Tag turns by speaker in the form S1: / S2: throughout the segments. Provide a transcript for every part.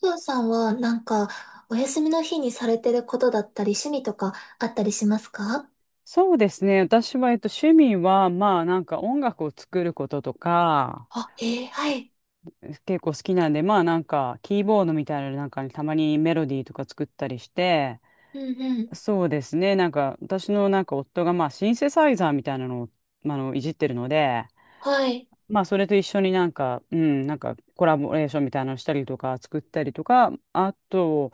S1: ふうさんはお休みの日にされてることだったり趣味とかあったりしますか？
S2: そうですね。私は、趣味は、まあ、なんか音楽を作ることとか、
S1: あ、えー、はい。
S2: 結構好きなんで、まあ、なんか、キーボードみたいなのなんかにたまにメロディーとか作ったりして、
S1: うんうん。
S2: そうですね。なんか、私のなんか夫が、まあ、シンセサイザーみたいなのを、まああの、いじってるので、
S1: はい。
S2: まあ、それと一緒になんか、うん、なんか、コラボレーションみたいなのしたりとか、作ったりとか、あと、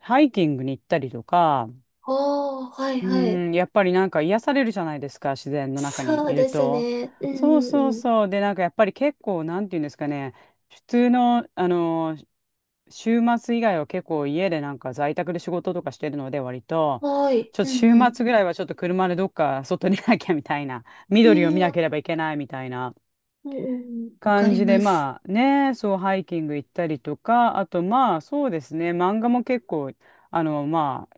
S2: ハイキングに行ったりとか、
S1: おー、はい
S2: う
S1: はい。
S2: ん、やっぱりなんか癒されるじゃないですか、自然の中に
S1: そう
S2: いる
S1: です
S2: と。
S1: ね。う
S2: そう
S1: んう
S2: そう
S1: んうん。
S2: そう。で、なんかやっぱり結構、なんていうんですかね、普通の、あの、週末以外は結構家でなんか在宅で仕事とかしてるので、割と、
S1: はい。
S2: ちょ
S1: う
S2: っと週
S1: んうん。
S2: 末ぐらいはちょっと車でどっか外にいなきゃみたいな、
S1: う
S2: 緑を
S1: ん、
S2: 見なけ
S1: わ、
S2: ればいけないみたいな。
S1: うんうんうん。わか
S2: 感
S1: り
S2: じで、
S1: ます。
S2: まあね、そう、ハイキング行ったりとか、あとまあそうですね、漫画も結構、あの、まあ、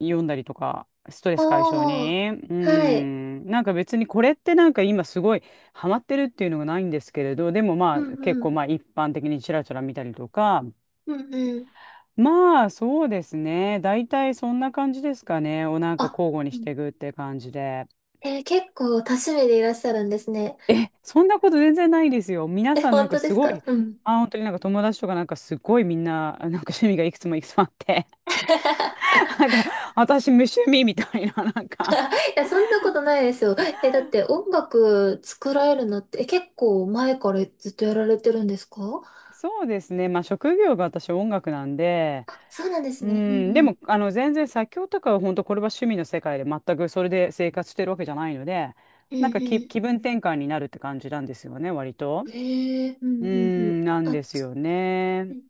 S2: 読んだりとか、ストレス解消
S1: おー、
S2: に。う
S1: はい。
S2: ん、なんか別にこれってなんか今すごいハマってるっていうのがないんですけれど、でもま
S1: う
S2: あ結
S1: んう
S2: 構
S1: ん。
S2: まあ一般的にちらちら見たりとか、
S1: うんうん。
S2: まあそうですね、大体そんな感じですかね、をなんか
S1: あ、
S2: 交互に
S1: う
S2: し
S1: ん、
S2: ていくって感じで。
S1: えー、結構多趣味でいらっしゃるんですね。
S2: え、そんなこと全然ないですよ。皆
S1: え、
S2: さんなん
S1: 本当
S2: か
S1: で
S2: す
S1: す
S2: ご
S1: か？
S2: い、
S1: うん。
S2: あ、本当になんか友達とかなんかすごいみんな、なんか趣味がいくつもいくつもあって、なんか私無趣味みたいな、なんか。
S1: いや、そんなことないですよ。え、だって音楽作られるのって、え、結構前からずっとやられてるんですか？
S2: そうですね。まあ職業が私音楽なんで、
S1: あ、そうなんです
S2: う
S1: ね。うん
S2: ん、で
S1: うん。
S2: もあの全然作曲とかは本当これは趣味の世界で全くそれで生活してるわけじゃないので、
S1: う
S2: なんかき
S1: ん
S2: 気分転換になるって感じなんですよね、割と。
S1: うん。へえ、う
S2: う
S1: んうんうん。
S2: ん、なん
S1: あ、
S2: です
S1: つ、
S2: よ
S1: う
S2: ね。
S1: ん、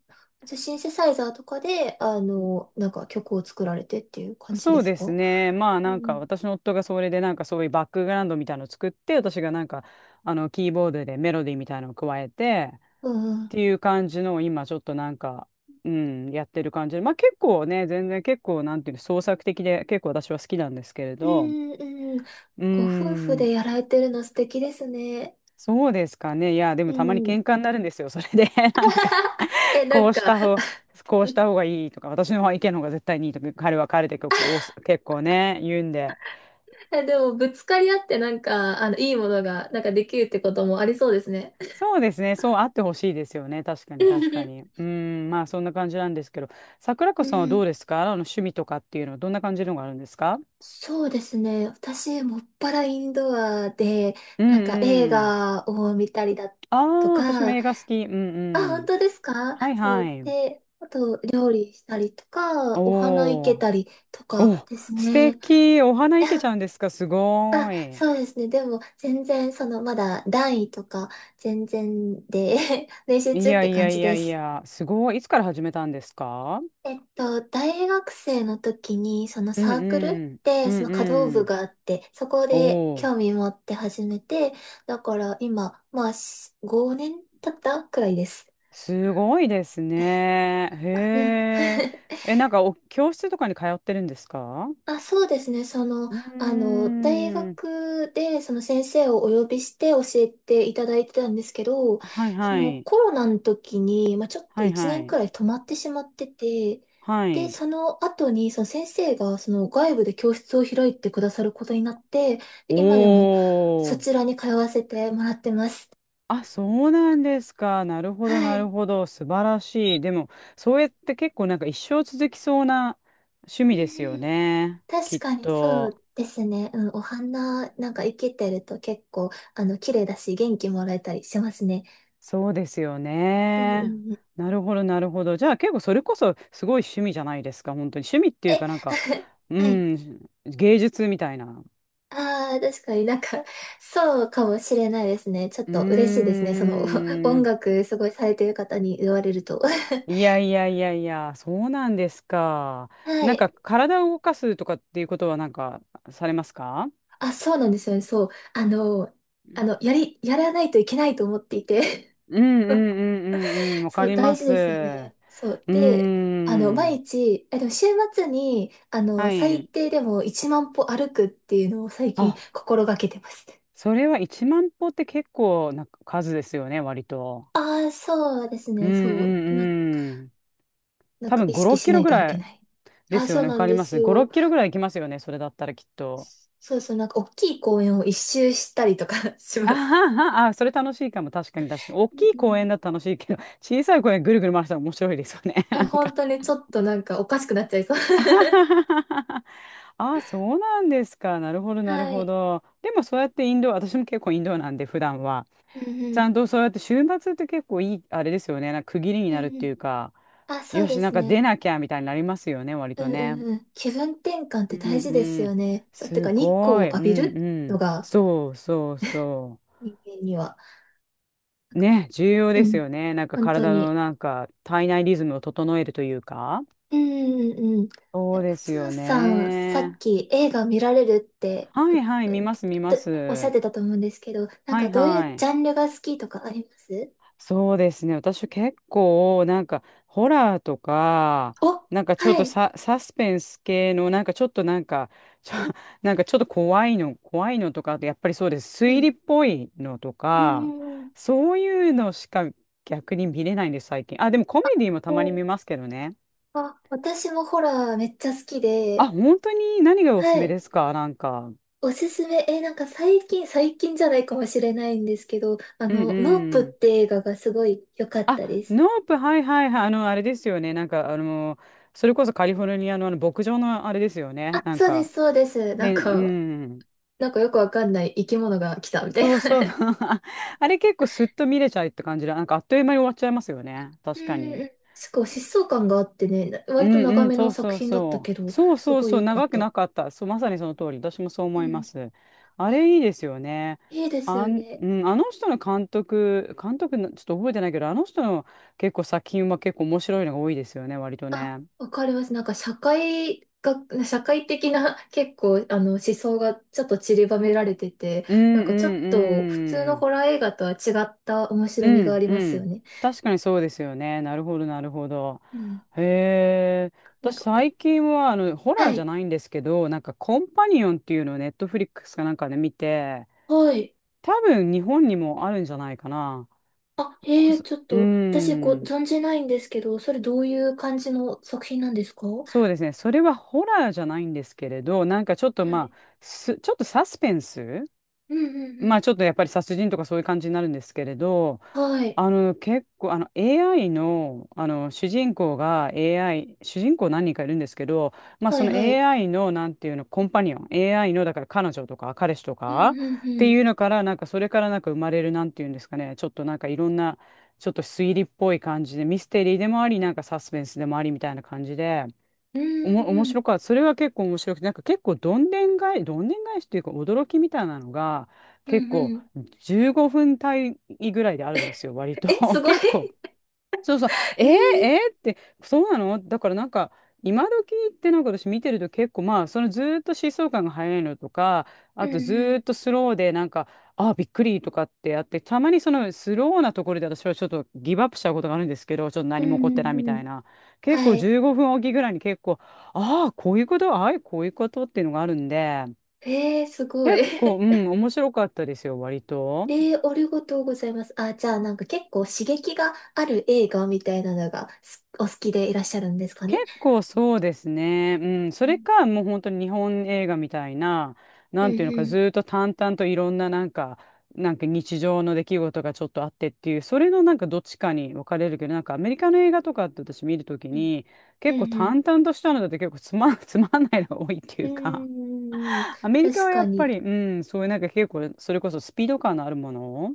S1: じゃあシンセサイザーとかで、曲を作られてっていう感じで
S2: そう
S1: す
S2: です
S1: か？
S2: ね。まあ
S1: う
S2: なんか
S1: ん。
S2: 私の夫がそれでなんかそういうバックグラウンドみたいなのを作って、私がなんかあのキーボードでメロディーみたいなのを加えてっ
S1: うん。
S2: ていう感じのを今ちょっとなんか、うん、やってる感じで。まあ結構ね、全然結構なんていうの創作的で結構私は好きなんですけれ
S1: う
S2: ど、
S1: んうん。
S2: うー
S1: ご夫婦で
S2: ん、
S1: やられてるの素敵ですね。
S2: そうですかね。いや、で
S1: う
S2: もたまに
S1: ん。
S2: 喧嘩になるんですよ。それで なんか
S1: え、な
S2: こ
S1: ん
S2: うし
S1: か、
S2: た方、こうした方がいいとか、私の意見の方が絶対にいいとか、彼は彼で結構ね、言うんで。
S1: え、でも、ぶつかり合っていいものが、できるってこともありそうですね。
S2: そうですね。そうあってほしいですよね。確かに、確かに。まあそんな感じなんですけど、桜子
S1: う
S2: さんはどう
S1: ん、
S2: で すか？あの趣味とかっていうのはどんな感じのがあるんですか？
S1: そうですね。私、もっぱらインドアで、
S2: うん
S1: 映
S2: うん。
S1: 画を見たりだ
S2: あ
S1: と
S2: あ、私も
S1: か、
S2: 映画好き。うん
S1: あ、
S2: う
S1: 本
S2: ん。
S1: 当ですか？
S2: はい
S1: そ
S2: は
S1: う。
S2: い。
S1: で、あと、料理したりとか、お花生
S2: お
S1: け
S2: ー
S1: たりとか
S2: お、
S1: です
S2: 素
S1: ね。
S2: 敵。お花いけちゃ
S1: あ、
S2: うんですか？すごーい。
S1: そうですね。でも、全然、まだ段位とか、全然で、練習
S2: い
S1: 中っ
S2: や
S1: て
S2: い
S1: 感
S2: や
S1: じ
S2: い
S1: で
S2: やい
S1: す。
S2: や、すごい。いつから始めたんですか？
S1: 大学生の時に、その
S2: うん
S1: サークルっ
S2: うん。う
S1: てそ
S2: ん
S1: の華道
S2: う
S1: 部
S2: ん。
S1: があって、そこ
S2: お
S1: で
S2: お。
S1: 興味持って始めて、だから今、まあ、し、5年経ったくらいです。
S2: すごいですね。
S1: あ、でも
S2: へえ。え、なんか教室とかに通ってるんですか？
S1: あ、そうですね。
S2: うー
S1: 大
S2: ん。
S1: 学で、その先生をお呼びして教えていただいてたんですけど、
S2: はい
S1: そ
S2: は
S1: の
S2: い。
S1: コロナの時に、まあ、ちょっと
S2: はい
S1: 1
S2: は
S1: 年く
S2: い。
S1: らい止まってしまってて、
S2: は
S1: で、
S2: い。
S1: その後に、その先生が、その外部で教室を開いてくださることになって、
S2: お
S1: で今でもそ
S2: ー。
S1: ちらに通わせてもらってます。
S2: あ、そうなんですか。なるほど、
S1: は
S2: なる
S1: い。
S2: ほど。素晴らしい。でも、そうやって結構なんか一生続きそうな趣
S1: う
S2: 味
S1: ん
S2: ですよ
S1: うん、
S2: ね。き
S1: 確
S2: っ
S1: かにそ
S2: と。
S1: うですね。うん、お花生けてると結構、あの、綺麗だし、元気もらえたりしますね。
S2: そうですよ
S1: うんうん
S2: ね。
S1: うん。
S2: なるほど、なるほど。じゃあ結構それこそすごい趣味じゃないですか、本当に。趣味っていう
S1: え、
S2: かなんか、う
S1: はい。
S2: ん、芸術みたいな。
S1: ああ、確かにそうかもしれないですね。ちょっ
S2: う
S1: と嬉しいですね。お
S2: ー
S1: 音
S2: ん。
S1: 楽すごいされてる方に言われると。
S2: い やいやいやいや、そうなんですか。
S1: は
S2: なん
S1: い。
S2: か体を動かすとかっていうことはなんかされますか？
S1: あ、そうなんですよね。そう。あの、やらないといけないと思っていて。
S2: うんうんうんうんうん、わか
S1: そう、
S2: り
S1: 大
S2: ま
S1: 事
S2: す。う
S1: ですよね。そう。
S2: ー
S1: で、毎
S2: ん。
S1: 日、え、でも週末に、あの、
S2: は
S1: 最
S2: い。
S1: 低でも1万歩歩くっていうのを最近
S2: あ、
S1: 心がけてます。
S2: それは1万歩って結構な数ですよね、割と。
S1: ああ、そうです
S2: うん
S1: ね。そう。
S2: うんうん。
S1: なん
S2: 多
S1: か
S2: 分
S1: 意
S2: 5、
S1: 識
S2: 6
S1: し
S2: キ
S1: な
S2: ロ
S1: い
S2: ぐ
S1: と歩
S2: ら
S1: け
S2: い
S1: ない。
S2: で
S1: あ、
S2: す
S1: そ
S2: よ
S1: う
S2: ね。わ
S1: な
S2: か
S1: ん
S2: り
S1: で
S2: ま
S1: す
S2: す。5、
S1: よ。
S2: 6キロぐらい行きますよね。それだったらきっと。
S1: そうそう、大きい公園を一周したりとか し
S2: あ
S1: ます。
S2: はは、あ、それ楽しいかも。確かに確かに。大
S1: うん
S2: きい
S1: う
S2: 公園だ
S1: ん、
S2: と楽しいけど、小さい公園ぐるぐる回したら面白いですよね。
S1: い
S2: な
S1: や、
S2: ん
S1: 本
S2: か。
S1: 当にちょっとなんかおかしくなっちゃいそう。
S2: あは はははあ、そうなんですか。なるほど、なる
S1: は
S2: ほ
S1: い。
S2: ど。でもそうやってインド、私も結構インドなんで、普段は。
S1: うん
S2: ち
S1: う
S2: ゃ
S1: ん。
S2: んとそうやって週末って結構いい、あれですよね。なんか区切りに
S1: う
S2: なるっ
S1: んう
S2: てい
S1: ん。
S2: うか、
S1: あ、そう
S2: よ
S1: で
S2: し、なん
S1: す
S2: か出
S1: ね。
S2: なきゃみたいになりますよね、割
S1: う
S2: と
S1: んう
S2: ね。
S1: んうん。気分転換っ
S2: う
S1: て
S2: ん
S1: 大事です
S2: う
S1: よ
S2: ん。
S1: ね。そう、て
S2: す
S1: か日光を
S2: ごい。う
S1: 浴び
S2: ん
S1: る
S2: う
S1: の
S2: ん。
S1: が
S2: そうそうそ
S1: 人間には。
S2: う。ね、重要
S1: う
S2: です
S1: ん。
S2: よね。なんか
S1: 本当に。
S2: 体内リズムを整えるというか。
S1: うんうんうん。え、
S2: そうで
S1: 宇
S2: す
S1: 宙
S2: よ
S1: さん、さっ
S2: ね。
S1: き映画見られるって、
S2: は
S1: うう、
S2: いは
S1: っ
S2: い、見ます見ま
S1: ておっしゃっ
S2: す。
S1: てたと思うんですけど、
S2: はい
S1: どうい
S2: は
S1: うジ
S2: い。
S1: ャンルが好きとかあります？
S2: そうですね。私結構、なんか、ホラーとか、
S1: お、
S2: なんかちょっ
S1: は
S2: と
S1: い。
S2: サスペンス系の、なんかちょっとなんか、ちょ、なんかちょっと怖いのとか、あとやっぱりそうです。
S1: う
S2: 推理
S1: ん。
S2: っぽいのと
S1: うん
S2: か、
S1: うんうん。
S2: そういうのしか逆に見れないんです、最近。あ、でもコメディも
S1: え
S2: たまに見
S1: ー、
S2: ますけどね。
S1: あ、私もホラーめっちゃ好き
S2: あ、
S1: で、
S2: 本当に何がおすす
S1: は
S2: め
S1: い。
S2: ですか？なんか。
S1: おすすめ、えー、なんか最近じゃないかもしれないんですけど、あ
S2: うん
S1: の、ノープっ
S2: うん。
S1: て映画がすごい良かっ
S2: あ、
S1: たです。
S2: ノープ、はいはいはい。あの、あれですよね。なんか、あの、それこそカリフォルニアのあの牧場のあれですよね。
S1: あ、
S2: なん
S1: そうで
S2: か、
S1: す、そうです。な
S2: へ
S1: ん
S2: ん、
S1: か、
S2: うん。
S1: なんかよくわかんない生き物が来たみた
S2: そう
S1: い。
S2: そう。あれ結構すっと見れちゃうって感じで、なんかあっという間に終わっちゃいますよね。
S1: う
S2: 確か
S1: んう
S2: に。
S1: ん。すごい疾走感があってね、な、
S2: う
S1: 割と長
S2: んうん、
S1: め
S2: そ
S1: の
S2: う
S1: 作
S2: そう
S1: 品だった
S2: そ
S1: け
S2: う。
S1: ど、
S2: そう
S1: す
S2: そう
S1: ごい
S2: そう、
S1: 良かっ
S2: 長く
S1: た。
S2: なかった。そう、まさにその通り。私もそう
S1: う
S2: 思いま
S1: ん。
S2: す。あれいいですよね。
S1: いいです
S2: あ
S1: よ
S2: ん、
S1: ね。
S2: うん、あの人の監督の、ちょっと覚えてないけど、あの人の結構作品は結構面白いのが多いですよね、割と
S1: あ、
S2: ね。
S1: わかります。社会的な 結構、あの、思想がちょっと散りばめられてて、
S2: うん
S1: なん
S2: う
S1: かちょっと普通
S2: んう
S1: の
S2: ん。
S1: ホラー映画とは違った面白
S2: う
S1: みがあ
S2: ん
S1: り
S2: う
S1: ますよ
S2: ん。
S1: ね。
S2: 確かにそうですよね。なるほど、なるほど。
S1: うん。
S2: へえ。
S1: なん
S2: 私、
S1: か、
S2: 最近は、あの、ホラー
S1: は
S2: じゃ
S1: い。
S2: ないんですけど、なんか、コンパニオンっていうのをネットフリックスかなんかで見て、
S1: はい。
S2: 多分、日本にもあるんじゃないかな。
S1: あ、へ
S2: こ
S1: え、
S2: そ、
S1: ちょっ
S2: うー
S1: と、私ご
S2: ん。
S1: 存じないんですけど、それどういう感じの作品なんですか？は
S2: そうですね。それはホラーじゃないんですけれど、なんかちょっとまあ、
S1: い。
S2: ちょっとサスペンス
S1: うんうんう
S2: まあ
S1: ん。
S2: ちょっとやっぱり殺人とかそういう感じになるんですけれど、
S1: はい。
S2: あの結構あの AI の、あの主人公が AI、主人公何人かいるんですけど、まあ
S1: は
S2: そ
S1: い
S2: の
S1: はい。
S2: AI のなんていうの、コンパニオン、AI のだから彼女とか彼氏と
S1: うん
S2: か
S1: うん
S2: って
S1: うん。
S2: いうのから、なんかそれからなんか生まれるなんていうんですかね、ちょっとなんかいろんな、ちょっと推理っぽい感じで、ミステリーでもあり、なんかサスペンスでもありみたいな感じで。
S1: うんう
S2: 面白
S1: ん
S2: かった。それは結構面白くて、なんか結構どんでん返しというか驚きみたいなのが
S1: う
S2: 結
S1: んう
S2: 構
S1: ん。
S2: 15分単位ぐらいであるんですよ、割と。
S1: え、す ごい。
S2: 結構そうそう、え
S1: え
S2: ー、え
S1: ー、
S2: ーって、そうなのだからなんか、今時ってなんか私見てると結構まあ、そのずーっと疾走感が速いのとか、
S1: う
S2: あとずーっ
S1: ん
S2: とスローでなんか、あーびっくりとかってやって、たまにそのスローなところで私はちょっとギブアップしちゃうことがあるんですけど、ちょっと
S1: う
S2: 何も
S1: んう
S2: 起こってない
S1: んう
S2: み
S1: んう
S2: たい
S1: ん。
S2: な。結
S1: は
S2: 構
S1: い。
S2: 15分おきぐらいに結構、ああ、こういうことっていうのがあるんで、
S1: えー、すごい。
S2: 結構、う ん、面白かったですよ、割と。
S1: えー、ありがとうございます。あ、じゃあ結構刺激がある映画みたいなのがす、お好きでいらっしゃるんですか
S2: 結
S1: ね。
S2: 構そうですね。うん。そ
S1: う
S2: れ
S1: ん
S2: か、もう本当に日本映画みたいな、
S1: う
S2: なんていうのか、ず
S1: ん
S2: ーっと淡々といろんななんか、なんか日常の出来事がちょっとあってっていう、それのなんかどっちかに分かれるけど、なんかアメリカの映画とかって私見るとき
S1: うん
S2: に、
S1: う
S2: 結構
S1: んうん
S2: 淡々としたのだと結構つまん、つまんないのが多いってい
S1: うん
S2: うか、
S1: うんうんうん、
S2: アメリカ
S1: 確
S2: はや
S1: か
S2: っぱ
S1: に。
S2: り、うん、そういうなんか結構、それこそスピード感のあるものを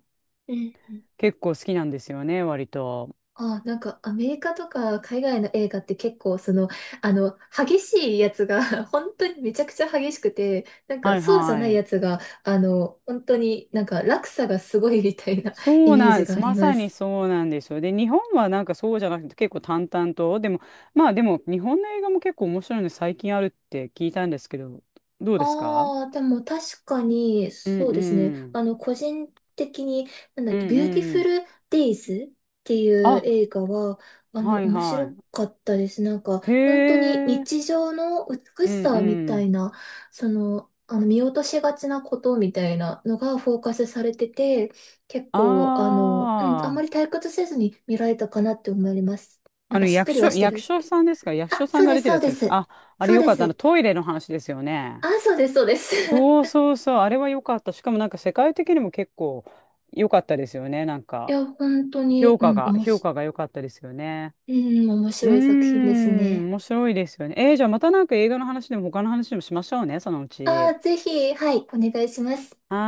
S2: 結構好きなんですよね、割と。
S1: あ、なんかアメリカとか海外の映画って結構その、あの、激しいやつが 本当にめちゃくちゃ激しくて、なんか
S2: はい
S1: そうじゃな
S2: は
S1: い
S2: い。
S1: やつが、あの、本当になんか落差がすごいみたいな イ
S2: そう
S1: メー
S2: な
S1: ジ
S2: ん、
S1: が
S2: す
S1: あり
S2: ま
S1: ま
S2: さに
S1: す。
S2: そうなんですよ。で、日本はなんかそうじゃなくて結構淡々と、でも、まあでも日本の映画も結構面白いの最近あるって聞いたんですけど、どうですか？
S1: ああ、でも確かに、
S2: うん
S1: そうですね。
S2: うん。
S1: あの、個人的に、なんだっ
S2: う
S1: け、
S2: ん
S1: ビューティ
S2: う
S1: フ
S2: ん。
S1: ルデイズっていう
S2: あ、
S1: 映画は、あの、
S2: はい
S1: 面
S2: は
S1: 白かったです。なんか、
S2: い。へ
S1: 本当に
S2: え。
S1: 日常の美
S2: う
S1: し
S2: ん
S1: さみ
S2: う
S1: たい
S2: ん。
S1: な、その、あの、見落としがちなことみたいなのがフォーカスされてて、結
S2: あ
S1: 構、あの、うん、あんまり
S2: あ。
S1: 退屈せずに見られたかなって思います。な
S2: あ
S1: んか
S2: の
S1: しっとりはして
S2: 役
S1: る。
S2: 所さんですか？役所
S1: あ、
S2: さん
S1: そう
S2: が
S1: で
S2: 出
S1: す、
S2: てる
S1: そう
S2: やつ
S1: で
S2: です
S1: す。
S2: か？あ、あ
S1: そ
S2: れ
S1: う
S2: よ
S1: で
S2: かった。あの
S1: す。
S2: トイレの話ですよ
S1: あ、
S2: ね。
S1: そうです、そうです。
S2: そうそうそう。あれはよかった。しかもなんか世界的にも結構良かったですよね。なん
S1: い
S2: か。
S1: や、本当に、うん、おも
S2: 評
S1: し、
S2: 価が良かったですよね。
S1: うん、面
S2: うー
S1: 白い作品です
S2: ん、
S1: ね。
S2: 面白いですよね。えー、じゃあまたなんか映画の話でも他の話でもしましょうね、そのう
S1: あ
S2: ち。
S1: あ、ぜひ、はい、お願いします。
S2: は